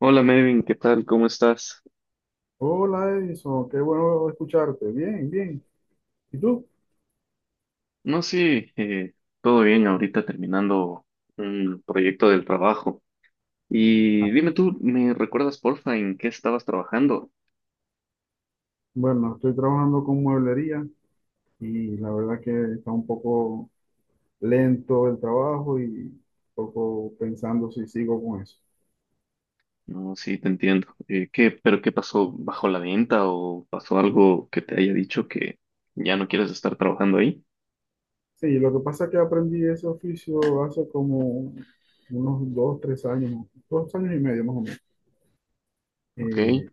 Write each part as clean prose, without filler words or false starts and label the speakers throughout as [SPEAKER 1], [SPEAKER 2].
[SPEAKER 1] Hola Melvin, ¿qué tal? ¿Cómo estás?
[SPEAKER 2] Hola Edison, qué bueno escucharte. Bien, bien. ¿Y tú?
[SPEAKER 1] No, sí, todo bien, ahorita terminando un proyecto del trabajo. Y
[SPEAKER 2] Ah,
[SPEAKER 1] dime tú, ¿me recuerdas porfa en qué estabas trabajando?
[SPEAKER 2] Bueno, estoy trabajando con mueblería y la verdad que está un poco lento el trabajo y un poco pensando si sigo con eso.
[SPEAKER 1] No, sí, te entiendo. ¿Qué, pero qué pasó bajo la venta o pasó algo que te haya dicho que ya no quieres estar trabajando ahí?
[SPEAKER 2] Sí, lo que pasa es que aprendí ese oficio hace como unos dos, tres años, dos años y medio más o menos.
[SPEAKER 1] Ok,
[SPEAKER 2] Eh,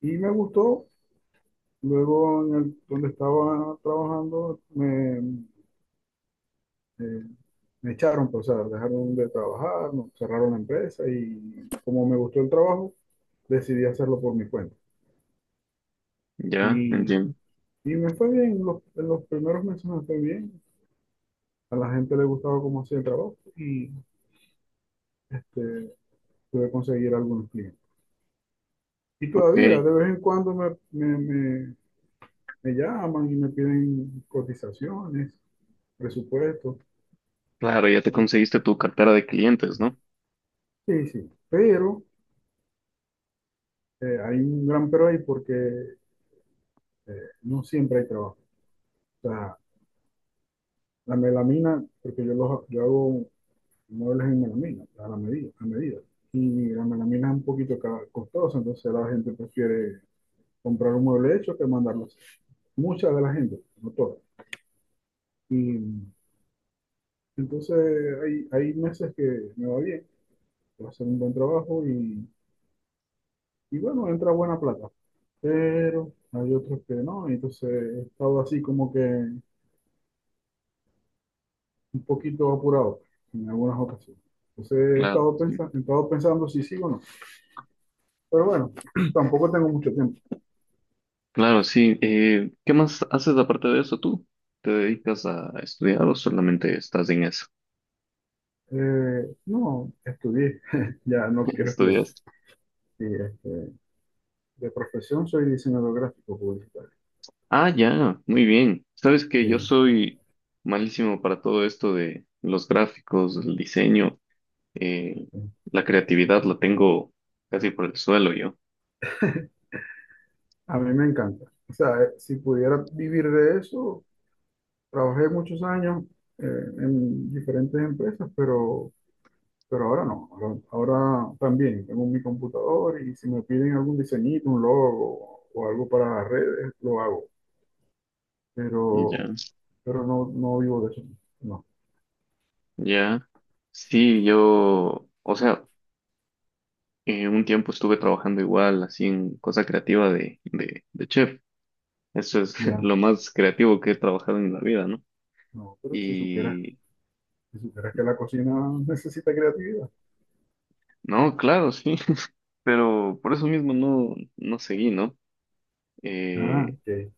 [SPEAKER 2] y me gustó. Luego, donde estaba trabajando, Eh, me echaron, pues, o sea, dejaron de trabajar, cerraron la empresa y como me gustó el trabajo, decidí hacerlo por mi cuenta.
[SPEAKER 1] ya,
[SPEAKER 2] Y,
[SPEAKER 1] entiendo.
[SPEAKER 2] y me fue bien, en los primeros meses me fue bien, a la gente le gustaba cómo hacía el trabajo y este, pude conseguir algunos clientes. Y
[SPEAKER 1] Ok,
[SPEAKER 2] todavía, de vez en cuando me llaman y me piden cotizaciones, presupuestos.
[SPEAKER 1] claro, ya te
[SPEAKER 2] Y-
[SPEAKER 1] conseguiste tu cartera de clientes, ¿no?
[SPEAKER 2] Sí, sí, pero hay un gran pero ahí porque no siempre hay trabajo. O sea, la melamina, porque yo hago muebles en melamina, a la medida, a medida. Y la melamina es un poquito costosa, entonces la gente prefiere comprar un mueble hecho que mandarlo a hacer. Mucha de la gente, no toda. Y entonces hay meses que me va bien, que hacer un buen trabajo y bueno, entra buena plata. Pero hay otros que no, y entonces he estado así como que un poquito apurado en algunas ocasiones. Entonces
[SPEAKER 1] Claro.
[SPEAKER 2] he estado pensando si sí o no. Pero bueno, tampoco tengo mucho tiempo.
[SPEAKER 1] Claro, sí. ¿Qué más haces aparte de eso tú? ¿Te dedicas a estudiar o solamente estás en eso?
[SPEAKER 2] No, estudié, ya no quiero estudiar.
[SPEAKER 1] ¿Estudias?
[SPEAKER 2] más. Sí, de profesión soy diseñador gráfico publicitario.
[SPEAKER 1] Ah, ya, muy bien. Sabes que
[SPEAKER 2] Sí,
[SPEAKER 1] yo soy malísimo para todo esto de los gráficos, el diseño, eh,
[SPEAKER 2] sí.
[SPEAKER 1] la creatividad la tengo casi por el suelo yo.
[SPEAKER 2] A mí me encanta. O sea, si pudiera vivir de eso, trabajé muchos años eh, en diferentes empresas, pero ahora no. Ahora, ahora también tengo mi computador y si me piden algún diseñito, un logo o algo para las redes, lo hago.
[SPEAKER 1] Ya,
[SPEAKER 2] Pero, pero no, no vivo de eso. No.
[SPEAKER 1] ya. Sí, yo, o sea, un tiempo estuve trabajando igual, así en cosa creativa de, de chef. Eso es
[SPEAKER 2] Ya,
[SPEAKER 1] lo más creativo que he trabajado en la vida, ¿no?
[SPEAKER 2] no, pero si supieras,
[SPEAKER 1] Y
[SPEAKER 2] si supieras que la cocina necesita creatividad.
[SPEAKER 1] no, claro, sí, pero por eso mismo no, no seguí, ¿no?
[SPEAKER 2] Ah,
[SPEAKER 1] Eh,
[SPEAKER 2] ok.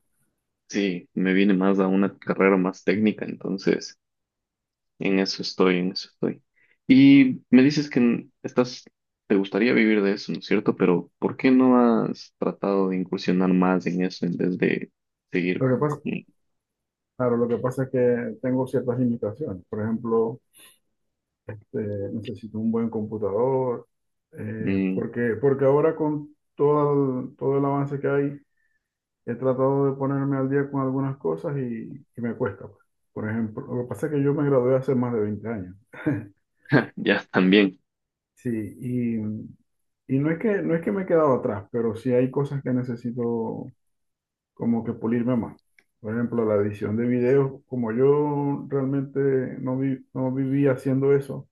[SPEAKER 1] sí, me vine más a una carrera más técnica, entonces en eso estoy, en eso estoy. Y me dices que estás, te gustaría vivir de eso, ¿no es cierto? Pero ¿por qué no has tratado de incursionar más en eso en vez de seguir
[SPEAKER 2] Lo que
[SPEAKER 1] con...
[SPEAKER 2] pasa, claro, lo que pasa es que tengo ciertas limitaciones. Por ejemplo, necesito un buen computador,
[SPEAKER 1] Mm,
[SPEAKER 2] porque, porque ahora con todo el avance que hay, he tratado de ponerme al día con algunas cosas y me cuesta, pues. Por ejemplo, lo que pasa es que yo me gradué hace más de 20 años.
[SPEAKER 1] ya, también.
[SPEAKER 2] Sí, y, y no es que, no es que me he quedado atrás, pero sí hay cosas que necesito como que pulirme más. Por ejemplo, la edición de videos, como yo realmente no, no vivía haciendo eso,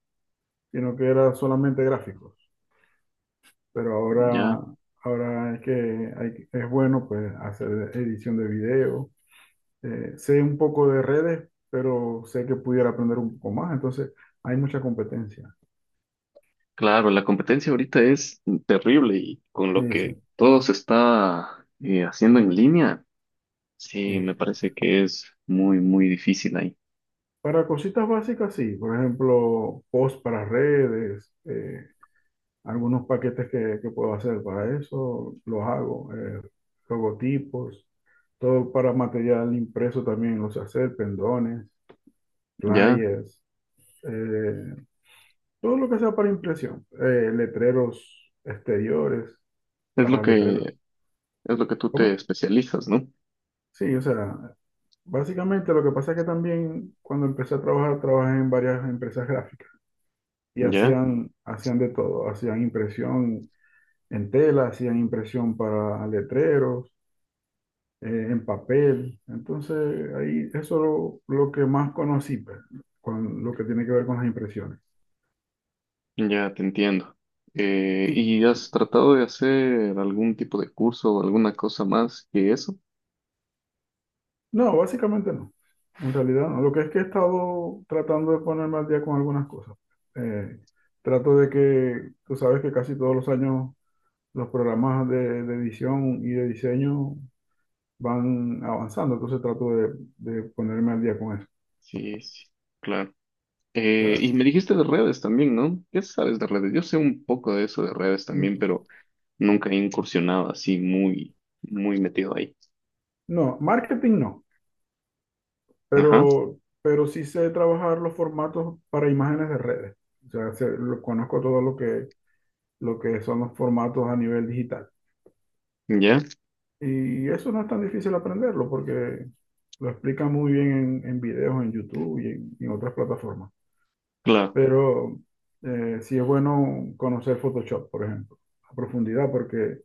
[SPEAKER 2] sino que era solamente gráficos. Pero
[SPEAKER 1] Ya,
[SPEAKER 2] ahora, ahora es que es bueno pues, hacer edición de video. Sé un poco de redes, pero sé que pudiera aprender un poco más. Entonces, hay mucha competencia.
[SPEAKER 1] claro, la competencia ahorita es terrible y con lo
[SPEAKER 2] Sí, sí.
[SPEAKER 1] que todo se está haciendo en línea, sí,
[SPEAKER 2] Sí.
[SPEAKER 1] me parece que es muy, muy difícil ahí.
[SPEAKER 2] Para cositas básicas, sí. Por ejemplo, post para redes. Algunos paquetes que puedo hacer para eso, los hago, logotipos, todo para material impreso también los sé hacer, pendones,
[SPEAKER 1] Ya,
[SPEAKER 2] flyers, eh, todo lo que sea para impresión, letreros exteriores,
[SPEAKER 1] es lo
[SPEAKER 2] para letreros,
[SPEAKER 1] que tú te
[SPEAKER 2] ¿cómo?
[SPEAKER 1] especializas, ¿no?
[SPEAKER 2] Sí, o sea, básicamente lo que pasa es que también cuando empecé a trabajar, trabajé en varias empresas gráficas y
[SPEAKER 1] Ya,
[SPEAKER 2] hacían de todo, hacían impresión en tela, hacían impresión para letreros, en papel. Entonces, ahí lo que más conocí, pues, con lo que tiene que ver con las impresiones.
[SPEAKER 1] ya te entiendo.
[SPEAKER 2] Y
[SPEAKER 1] ¿Y has tratado de hacer algún tipo de curso o alguna cosa más que eso?
[SPEAKER 2] no, básicamente no. En realidad no. Lo que es que he estado tratando de ponerme al día con algunas cosas. Eh, Trato de que, tú sabes que casi todos los años los programas de edición y de diseño van avanzando, entonces de ponerme al día con eso.
[SPEAKER 1] Sí, sí, claro.
[SPEAKER 2] O sea,
[SPEAKER 1] Y me dijiste de redes también, ¿no? ¿Qué sabes de redes? Yo sé un poco de eso de redes también, pero nunca he incursionado así muy, muy metido ahí.
[SPEAKER 2] no, marketing no.
[SPEAKER 1] Ajá,
[SPEAKER 2] Pero sí sé trabajar los formatos para imágenes de redes. O sea, conozco todo lo que son los formatos a nivel digital.
[SPEAKER 1] ya,
[SPEAKER 2] Y eso no es tan difícil aprenderlo porque lo explica muy bien en videos en YouTube y en otras plataformas.
[SPEAKER 1] claro.
[SPEAKER 2] Pero sí es bueno conocer Photoshop, por ejemplo, a profundidad porque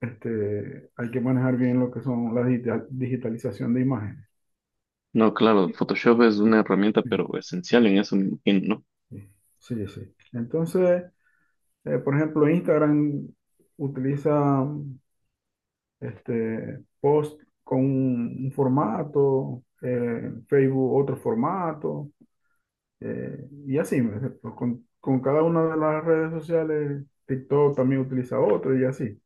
[SPEAKER 2] hay que manejar bien lo que son la digitalización de imágenes.
[SPEAKER 1] No, claro,
[SPEAKER 2] Sí,
[SPEAKER 1] Photoshop es una herramienta, pero esencial en eso, me imagino, ¿no?
[SPEAKER 2] sí. Sí. Entonces, por ejemplo, Instagram utiliza post con un formato, Facebook otro formato, y así, ¿me entiendes? Con cada una de las redes sociales, TikTok también utiliza otro y así.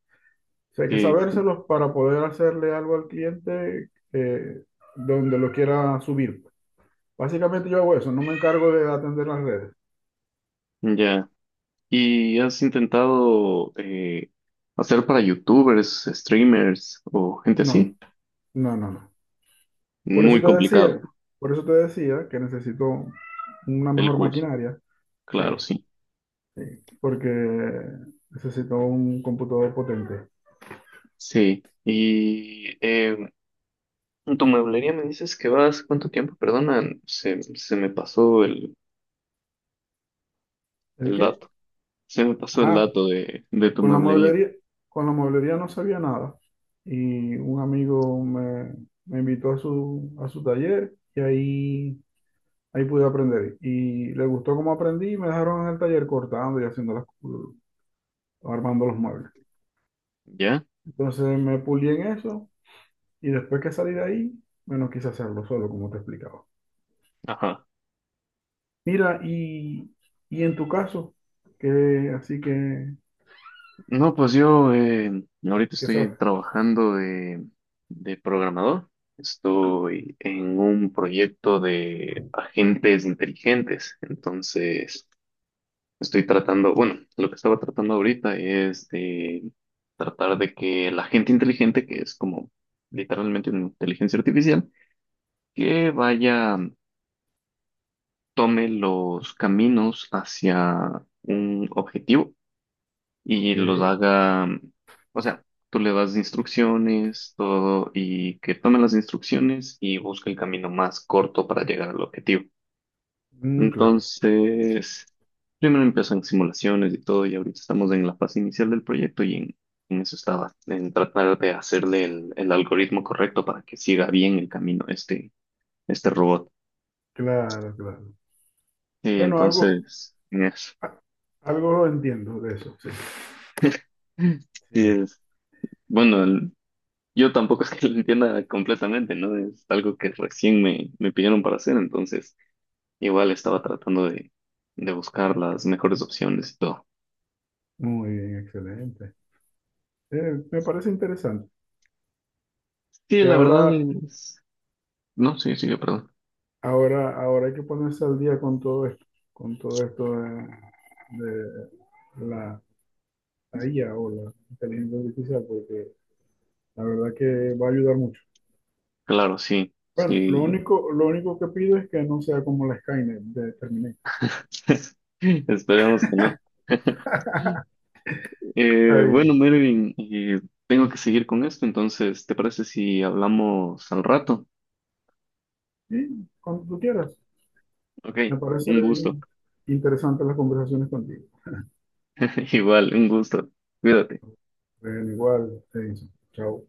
[SPEAKER 2] O sea, hay que
[SPEAKER 1] Sí, sí,
[SPEAKER 2] sabérselos para poder hacerle algo al cliente donde lo quiera subir. Básicamente yo hago eso, no me encargo de atender las redes.
[SPEAKER 1] ya. ¿Y has intentado hacer para youtubers, streamers o gente
[SPEAKER 2] No,
[SPEAKER 1] así?
[SPEAKER 2] no, no, no. Por eso
[SPEAKER 1] Muy
[SPEAKER 2] te decía,
[SPEAKER 1] complicado
[SPEAKER 2] por eso te decía que necesito una
[SPEAKER 1] el
[SPEAKER 2] mejor
[SPEAKER 1] curso,
[SPEAKER 2] maquinaria, sí,
[SPEAKER 1] claro, sí.
[SPEAKER 2] porque necesito un computador potente.
[SPEAKER 1] Sí. En tu mueblería me dices que vas, ¿cuánto tiempo? Perdona, se me pasó
[SPEAKER 2] ¿El
[SPEAKER 1] el
[SPEAKER 2] qué?
[SPEAKER 1] dato. Se me pasó el
[SPEAKER 2] Ah,
[SPEAKER 1] dato de tu
[SPEAKER 2] con la
[SPEAKER 1] mueblería.
[SPEAKER 2] mueblería, con la mueblería no sabía nada. Y un amigo me invitó a a su taller y ahí, ahí pude aprender. Y le gustó cómo aprendí y me dejaron en el taller cortando y haciendo armando los muebles.
[SPEAKER 1] ¿Ya?
[SPEAKER 2] Entonces me pulí en eso. Y después que salí de ahí, bueno, quise hacerlo solo, como te explicaba.
[SPEAKER 1] Ajá.
[SPEAKER 2] Mira, y en tu caso, que así que,
[SPEAKER 1] No, pues yo ahorita
[SPEAKER 2] ¿qué sabes?
[SPEAKER 1] estoy trabajando de programador. Estoy en un proyecto de agentes inteligentes. Entonces, estoy tratando, bueno, lo que estaba tratando ahorita es de tratar de que el agente inteligente, que es como literalmente una inteligencia artificial, que vaya, tome los caminos hacia un objetivo y
[SPEAKER 2] Ok,
[SPEAKER 1] los haga, o sea, tú le das instrucciones, todo, y que tome las instrucciones y busque el camino más corto para llegar al objetivo.
[SPEAKER 2] mm, claro,
[SPEAKER 1] Entonces, primero empiezan simulaciones y todo, y ahorita estamos en la fase inicial del proyecto y en eso estaba, en tratar de hacerle el algoritmo correcto para que siga bien el camino este, este robot.
[SPEAKER 2] claro, claro.
[SPEAKER 1] Y
[SPEAKER 2] Bueno, algo,
[SPEAKER 1] entonces... en.
[SPEAKER 2] a- algo entiendo de eso, sí.
[SPEAKER 1] Y
[SPEAKER 2] Sí,
[SPEAKER 1] es, bueno, yo tampoco es que lo entienda completamente, ¿no? Es algo que recién me, me pidieron para hacer, entonces igual estaba tratando de buscar las mejores opciones y todo.
[SPEAKER 2] muy bien, excelente. Me parece interesante
[SPEAKER 1] Sí,
[SPEAKER 2] que
[SPEAKER 1] la verdad es... No, sí, sí, perdón.
[SPEAKER 2] ahora hay que ponerse al día con todo esto de la IA o la inteligencia artificial, porque la verdad que va a ayudar mucho.
[SPEAKER 1] Claro, sí,
[SPEAKER 2] Bueno,
[SPEAKER 1] sí.
[SPEAKER 2] lo único que pido es que no sea como la Skynet de Terminator.
[SPEAKER 1] Esperemos que no. Bueno,
[SPEAKER 2] Ahí.
[SPEAKER 1] Mervin, tengo que seguir con esto, entonces, ¿te parece si hablamos al rato?
[SPEAKER 2] Y cuando tú quieras.
[SPEAKER 1] Ok,
[SPEAKER 2] Me parece
[SPEAKER 1] un gusto.
[SPEAKER 2] bien interesante las conversaciones contigo.
[SPEAKER 1] Igual, un gusto. Cuídate.
[SPEAKER 2] Bueno, igual, te dice. Chao.